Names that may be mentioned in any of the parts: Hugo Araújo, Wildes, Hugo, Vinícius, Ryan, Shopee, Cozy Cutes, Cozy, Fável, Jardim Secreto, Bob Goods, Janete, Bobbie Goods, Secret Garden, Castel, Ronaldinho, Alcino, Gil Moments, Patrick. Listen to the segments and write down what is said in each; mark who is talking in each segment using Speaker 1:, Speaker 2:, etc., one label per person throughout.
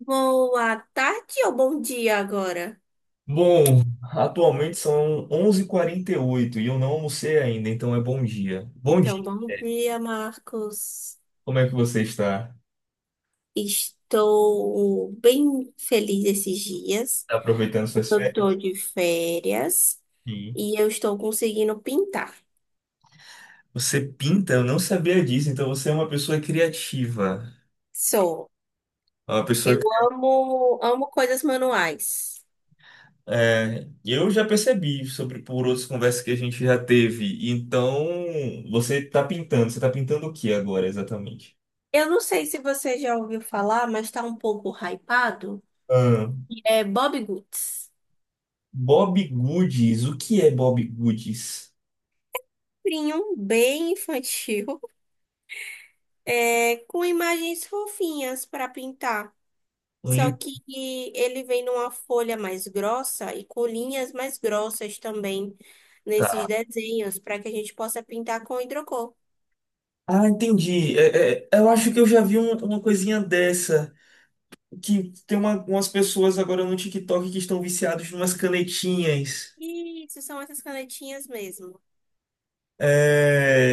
Speaker 1: Boa tarde ou bom dia agora?
Speaker 2: Bom, atualmente são 11 e 48 e oito e eu não almocei ainda, então é bom dia. Bom
Speaker 1: Então,
Speaker 2: dia,
Speaker 1: bom dia, Marcos.
Speaker 2: como é que você está?
Speaker 1: Estou bem feliz esses dias.
Speaker 2: Tá aproveitando suas
Speaker 1: Eu estou
Speaker 2: férias?
Speaker 1: de férias
Speaker 2: Sim.
Speaker 1: e eu estou conseguindo pintar.
Speaker 2: Você pinta, eu não sabia disso, então você é uma pessoa criativa.
Speaker 1: Sou.
Speaker 2: É uma pessoa
Speaker 1: Eu amo, amo coisas manuais.
Speaker 2: é, eu já percebi sobre por outras conversas que a gente já teve. Então, você está pintando o que agora exatamente?
Speaker 1: Eu não sei se você já ouviu falar, mas está um pouco hypado.
Speaker 2: Ah,
Speaker 1: É Bobbie Goods.
Speaker 2: Bob Goods, o que é Bob Goods?
Speaker 1: Livrinho bem infantil, é, com imagens fofinhas para pintar.
Speaker 2: Um
Speaker 1: Só
Speaker 2: livro.
Speaker 1: que ele vem numa folha mais grossa e com linhas mais grossas também nesses
Speaker 2: Tá.
Speaker 1: desenhos, para que a gente possa pintar com hidrocor.
Speaker 2: Ah, entendi. Eu acho que eu já vi uma coisinha dessa. Que tem umas pessoas agora no TikTok que estão viciados em umas canetinhas.
Speaker 1: Isso, são essas canetinhas mesmo.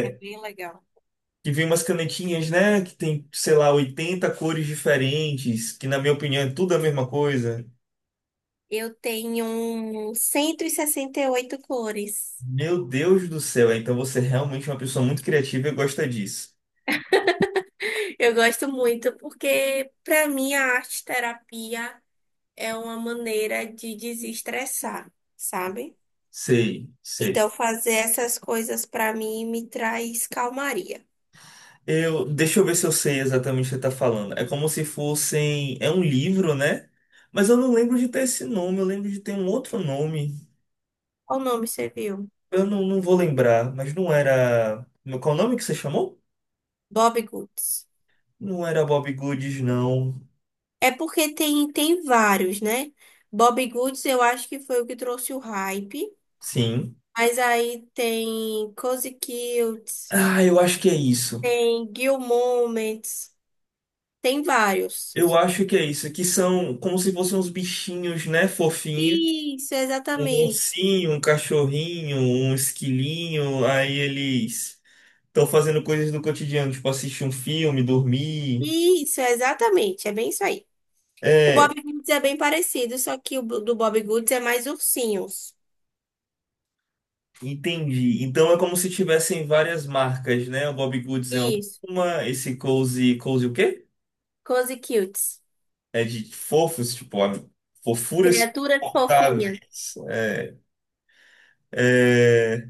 Speaker 1: É bem legal.
Speaker 2: que vem umas canetinhas, né? Que tem, sei lá, 80 cores diferentes. Que, na minha opinião, é tudo a mesma coisa.
Speaker 1: Eu tenho 168 cores.
Speaker 2: Meu Deus do céu. É, então você realmente é uma pessoa muito criativa e gosta disso.
Speaker 1: Eu gosto muito porque, para mim, a arte terapia é uma maneira de desestressar, sabe?
Speaker 2: Sei, sei.
Speaker 1: Então, fazer essas coisas para mim me traz calmaria.
Speaker 2: Eu, deixa eu ver se eu sei exatamente o que você está falando. É como se fossem. É um livro, né? Mas eu não lembro de ter esse nome, eu lembro de ter um outro nome.
Speaker 1: Qual nome você viu?
Speaker 2: Eu não vou lembrar, mas não era. Qual o nome que você chamou?
Speaker 1: Bob Goods.
Speaker 2: Não era Bob Goods, não.
Speaker 1: É porque tem vários, né? Bob Goods eu acho que foi o que trouxe o hype.
Speaker 2: Sim.
Speaker 1: Mas aí tem Cozy Cutes,
Speaker 2: Ah, eu acho que é isso.
Speaker 1: tem Gil Moments, tem vários.
Speaker 2: Eu acho que é isso. Que são como se fossem uns bichinhos, né? Fofinhos.
Speaker 1: Isso,
Speaker 2: Um
Speaker 1: exatamente.
Speaker 2: ursinho, um cachorrinho, um esquilinho. Aí eles estão fazendo coisas do cotidiano, tipo assistir um filme, dormir.
Speaker 1: Isso, exatamente. É bem isso aí. O Bob
Speaker 2: É,
Speaker 1: Goods é bem parecido, só que o do Bob Goods é mais ursinhos.
Speaker 2: entendi. Então é como se tivessem várias marcas, né? O Bobbie Goods é
Speaker 1: Isso,
Speaker 2: uma, esse Cozy o quê?
Speaker 1: Cozy Cutes.
Speaker 2: É de fofos, tipo, ah, fofuras
Speaker 1: Criaturas fofinhas.
Speaker 2: suportáveis. É,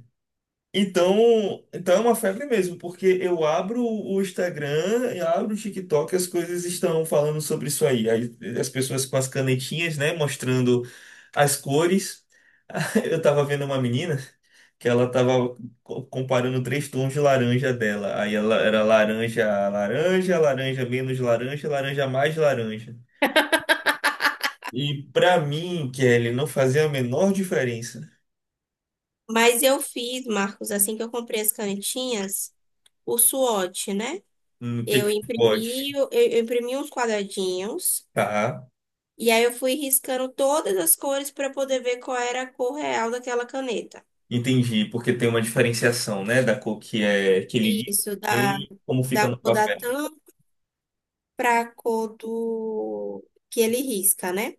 Speaker 2: Então, então é uma febre mesmo, porque eu abro o Instagram, eu abro o TikTok, as coisas estão falando sobre isso aí. Aí, as pessoas com as canetinhas, né, mostrando as cores. Eu tava vendo uma menina que ela tava comparando 3 tons de laranja dela. Aí ela era laranja, laranja, laranja menos laranja, laranja mais laranja. E pra mim, Kelly, não fazia a menor diferença
Speaker 1: Mas eu fiz, Marcos, assim que eu comprei as canetinhas. O SWOT, né?
Speaker 2: no
Speaker 1: Eu
Speaker 2: que pode,
Speaker 1: imprimi, eu imprimi uns quadradinhos
Speaker 2: tá?
Speaker 1: e aí eu fui riscando todas as cores para poder ver qual era a cor real daquela caneta.
Speaker 2: Entendi, porque tem uma diferenciação, né, da cor que é que ele diz
Speaker 1: Isso, da,
Speaker 2: e como fica
Speaker 1: da
Speaker 2: no
Speaker 1: cor da
Speaker 2: papel.
Speaker 1: tampa para a cor do que ele risca, né?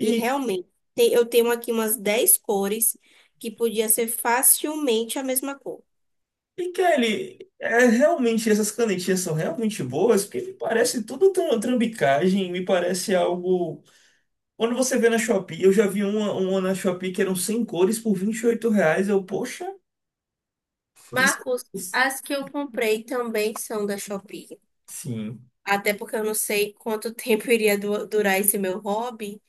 Speaker 1: E realmente, eu tenho aqui umas 10 cores que podia ser facilmente a mesma cor.
Speaker 2: e Kelly, é, realmente essas canetinhas são realmente boas, porque me parece tudo trambicagem, me parece algo. Quando você vê na Shopee, eu já vi uma na Shopee que eram 100 cores por R$ 28. Eu, poxa, isso.
Speaker 1: Marcos, as que eu comprei também são da Shopee.
Speaker 2: Sim,
Speaker 1: Até porque eu não sei quanto tempo iria durar esse meu hobby.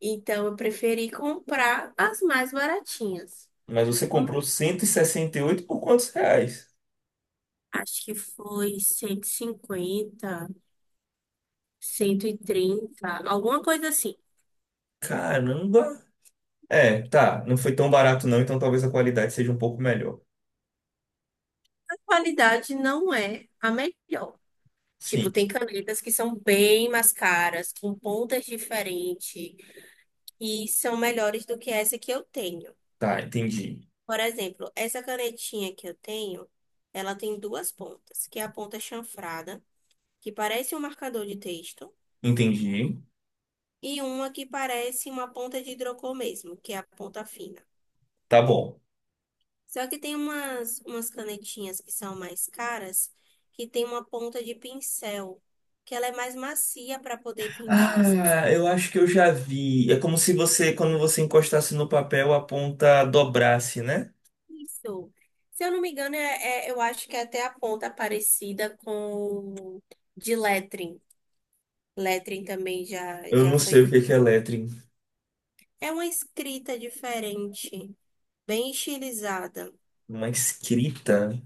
Speaker 1: Então, eu preferi comprar as mais baratinhas.
Speaker 2: mas você
Speaker 1: Hum,
Speaker 2: comprou cento e sessenta e oito por quantos reais?
Speaker 1: Acho que foi 150, 130, alguma coisa assim.
Speaker 2: Caramba! É, tá, não foi tão barato não, então talvez a qualidade seja um pouco melhor.
Speaker 1: A qualidade não é a melhor. Tipo,
Speaker 2: Sim.
Speaker 1: tem canetas que são bem mais caras, com pontas diferentes, e são melhores do que essa que eu tenho.
Speaker 2: Tá, entendi.
Speaker 1: Por exemplo, essa canetinha que eu tenho, ela tem duas pontas, que é a ponta chanfrada, que parece um marcador de texto
Speaker 2: Entendi.
Speaker 1: e uma que parece uma ponta de hidrocor mesmo, que é a ponta fina.
Speaker 2: Tá bom.
Speaker 1: Só que tem umas canetinhas que são mais caras, que tem uma ponta de pincel, que ela é mais macia para poder pintar.
Speaker 2: Ah, eu acho que eu já vi. É como se você, quando você encostasse no papel, a ponta dobrasse, né?
Speaker 1: Isso. Se eu não me engano, eu acho que é até a ponta parecida com de lettering. Lettering também já,
Speaker 2: Eu
Speaker 1: já
Speaker 2: não
Speaker 1: foi.
Speaker 2: sei o que que é lettering.
Speaker 1: É uma escrita diferente, bem estilizada.
Speaker 2: Uma escrita.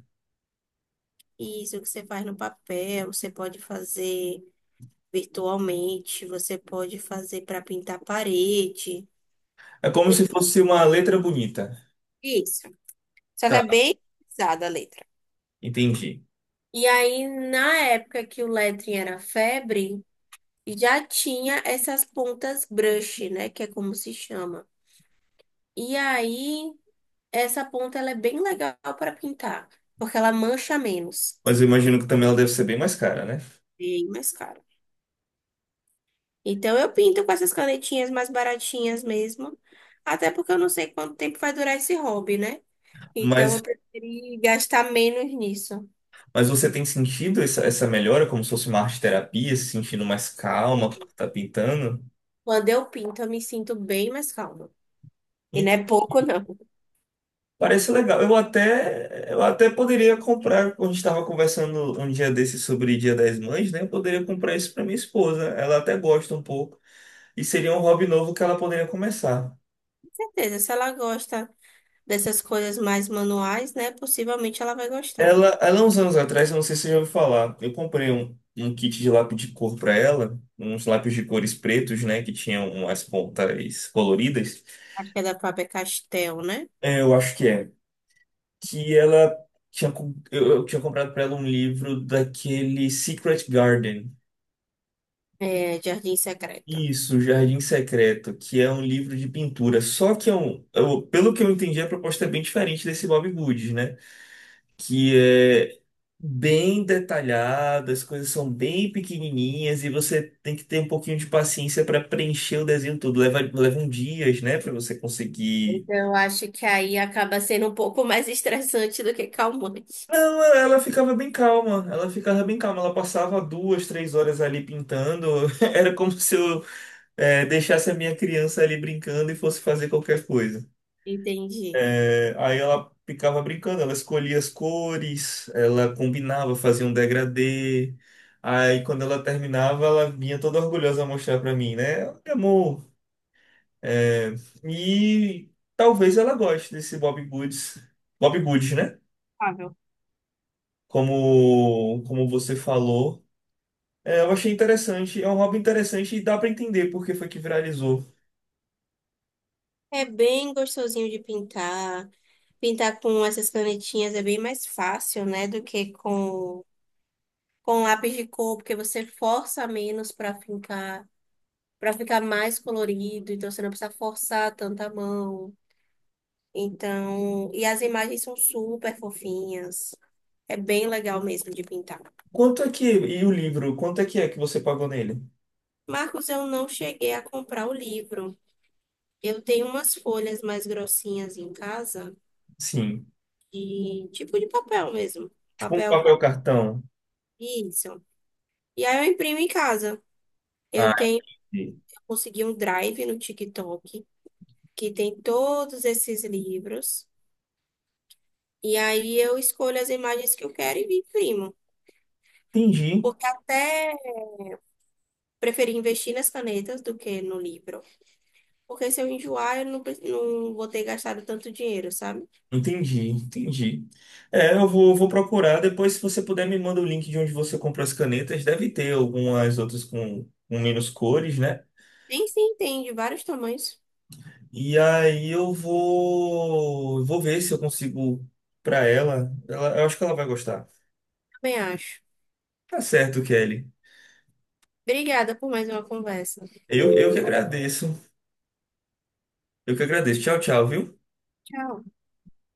Speaker 1: Isso que você faz no papel, você pode fazer. Virtualmente, você pode fazer para pintar parede.
Speaker 2: É como se
Speaker 1: Depois
Speaker 2: fosse uma letra bonita.
Speaker 1: disso. Só que é
Speaker 2: Tá,
Speaker 1: bem pesada a letra.
Speaker 2: entendi.
Speaker 1: E aí, na época que o lettering era febre, já tinha essas pontas brush, né? Que é como se chama. E aí, essa ponta ela é bem legal para pintar, porque ela mancha menos.
Speaker 2: Mas eu imagino que também ela deve ser bem mais cara, né?
Speaker 1: Bem mais caro. Então, eu pinto com essas canetinhas mais baratinhas mesmo. Até porque eu não sei quanto tempo vai durar esse hobby, né? Então eu
Speaker 2: Mas,
Speaker 1: preferi gastar menos nisso.
Speaker 2: mas você tem sentido essa melhora, como se fosse uma arte terapia, se sentindo mais calma, quando
Speaker 1: Sim.
Speaker 2: tá pintando?
Speaker 1: Quando eu pinto, eu me sinto bem mais calma. E não é pouco, não. Com
Speaker 2: Parece legal. Eu até poderia comprar, quando a gente estava conversando um dia desses sobre Dia das Mães, né? Eu poderia comprar isso para minha esposa. Ela até gosta um pouco. E seria um hobby novo que ela poderia começar.
Speaker 1: certeza, se ela gosta dessas coisas mais manuais, né? Possivelmente ela vai gostar.
Speaker 2: Ela uns anos atrás, eu não sei se você já ouviu falar, eu comprei um kit de lápis de cor para ela, uns lápis de cores pretos, né? Que tinham umas pontas coloridas.
Speaker 1: Acho que é da própria Castel, né?
Speaker 2: É, eu acho que é. Que ela tinha, eu tinha comprado para ela um livro daquele Secret Garden.
Speaker 1: É, Jardim Secreto.
Speaker 2: Isso, Jardim Secreto, que é um livro de pintura. Só que é um, pelo que eu entendi, a proposta é bem diferente desse Bob Goods, né? Que é bem detalhada, as coisas são bem pequenininhas e você tem que ter um pouquinho de paciência para preencher o desenho todo. Levam dias, né, para você conseguir.
Speaker 1: Então eu acho que aí acaba sendo um pouco mais estressante do que calmante.
Speaker 2: Não, ela ficava bem calma, ela ficava bem calma. Ela passava 2, 3 horas ali pintando. Era como se eu, deixasse a minha criança ali brincando e fosse fazer qualquer coisa.
Speaker 1: Entendi.
Speaker 2: É, aí ela ficava brincando, ela escolhia as cores, ela combinava, fazia um degradê. Aí quando ela terminava, ela vinha toda orgulhosa mostrar pra mim, né? Olha, Amor. É, e talvez ela goste desse Bob Goods. Bob Goods, né?
Speaker 1: Fável.
Speaker 2: Como você falou. É, eu achei interessante, é um hobby interessante e dá pra entender por que foi que viralizou.
Speaker 1: É bem gostosinho de pintar. Pintar com essas canetinhas é bem mais fácil, né? Do que com lápis de cor, porque você força menos para fincar, para ficar mais colorido, então você não precisa forçar tanta mão. Então, e as imagens são super fofinhas. É bem legal mesmo de pintar.
Speaker 2: Quanto é que, e o livro, quanto é que você pagou nele?
Speaker 1: Marcos, eu não cheguei a comprar o livro. Eu tenho umas folhas mais grossinhas em casa,
Speaker 2: Sim,
Speaker 1: de tipo de papel mesmo.
Speaker 2: tipo um
Speaker 1: Papel
Speaker 2: papel
Speaker 1: para
Speaker 2: cartão.
Speaker 1: isso. E aí eu imprimo em casa. Eu
Speaker 2: Ah,
Speaker 1: tenho, eu consegui um drive no TikTok que tem todos esses livros. E aí eu escolho as imagens que eu quero e imprimo.
Speaker 2: entendi,
Speaker 1: Porque até preferi investir nas canetas do que no livro. Porque se eu enjoar, eu não, não vou ter gastado tanto dinheiro, sabe?
Speaker 2: entendi. É, eu vou procurar. Depois, se você puder, me manda o link de onde você comprou as canetas. Deve ter algumas outras com menos cores, né?
Speaker 1: Nem se entende vários tamanhos,
Speaker 2: E aí eu vou ver se eu consigo para ela. Eu acho que ela vai gostar.
Speaker 1: também acho.
Speaker 2: Tá certo, Kelly.
Speaker 1: Obrigada por mais uma conversa.
Speaker 2: Eu que agradeço. Eu que agradeço. Tchau, tchau, viu?
Speaker 1: Tchau.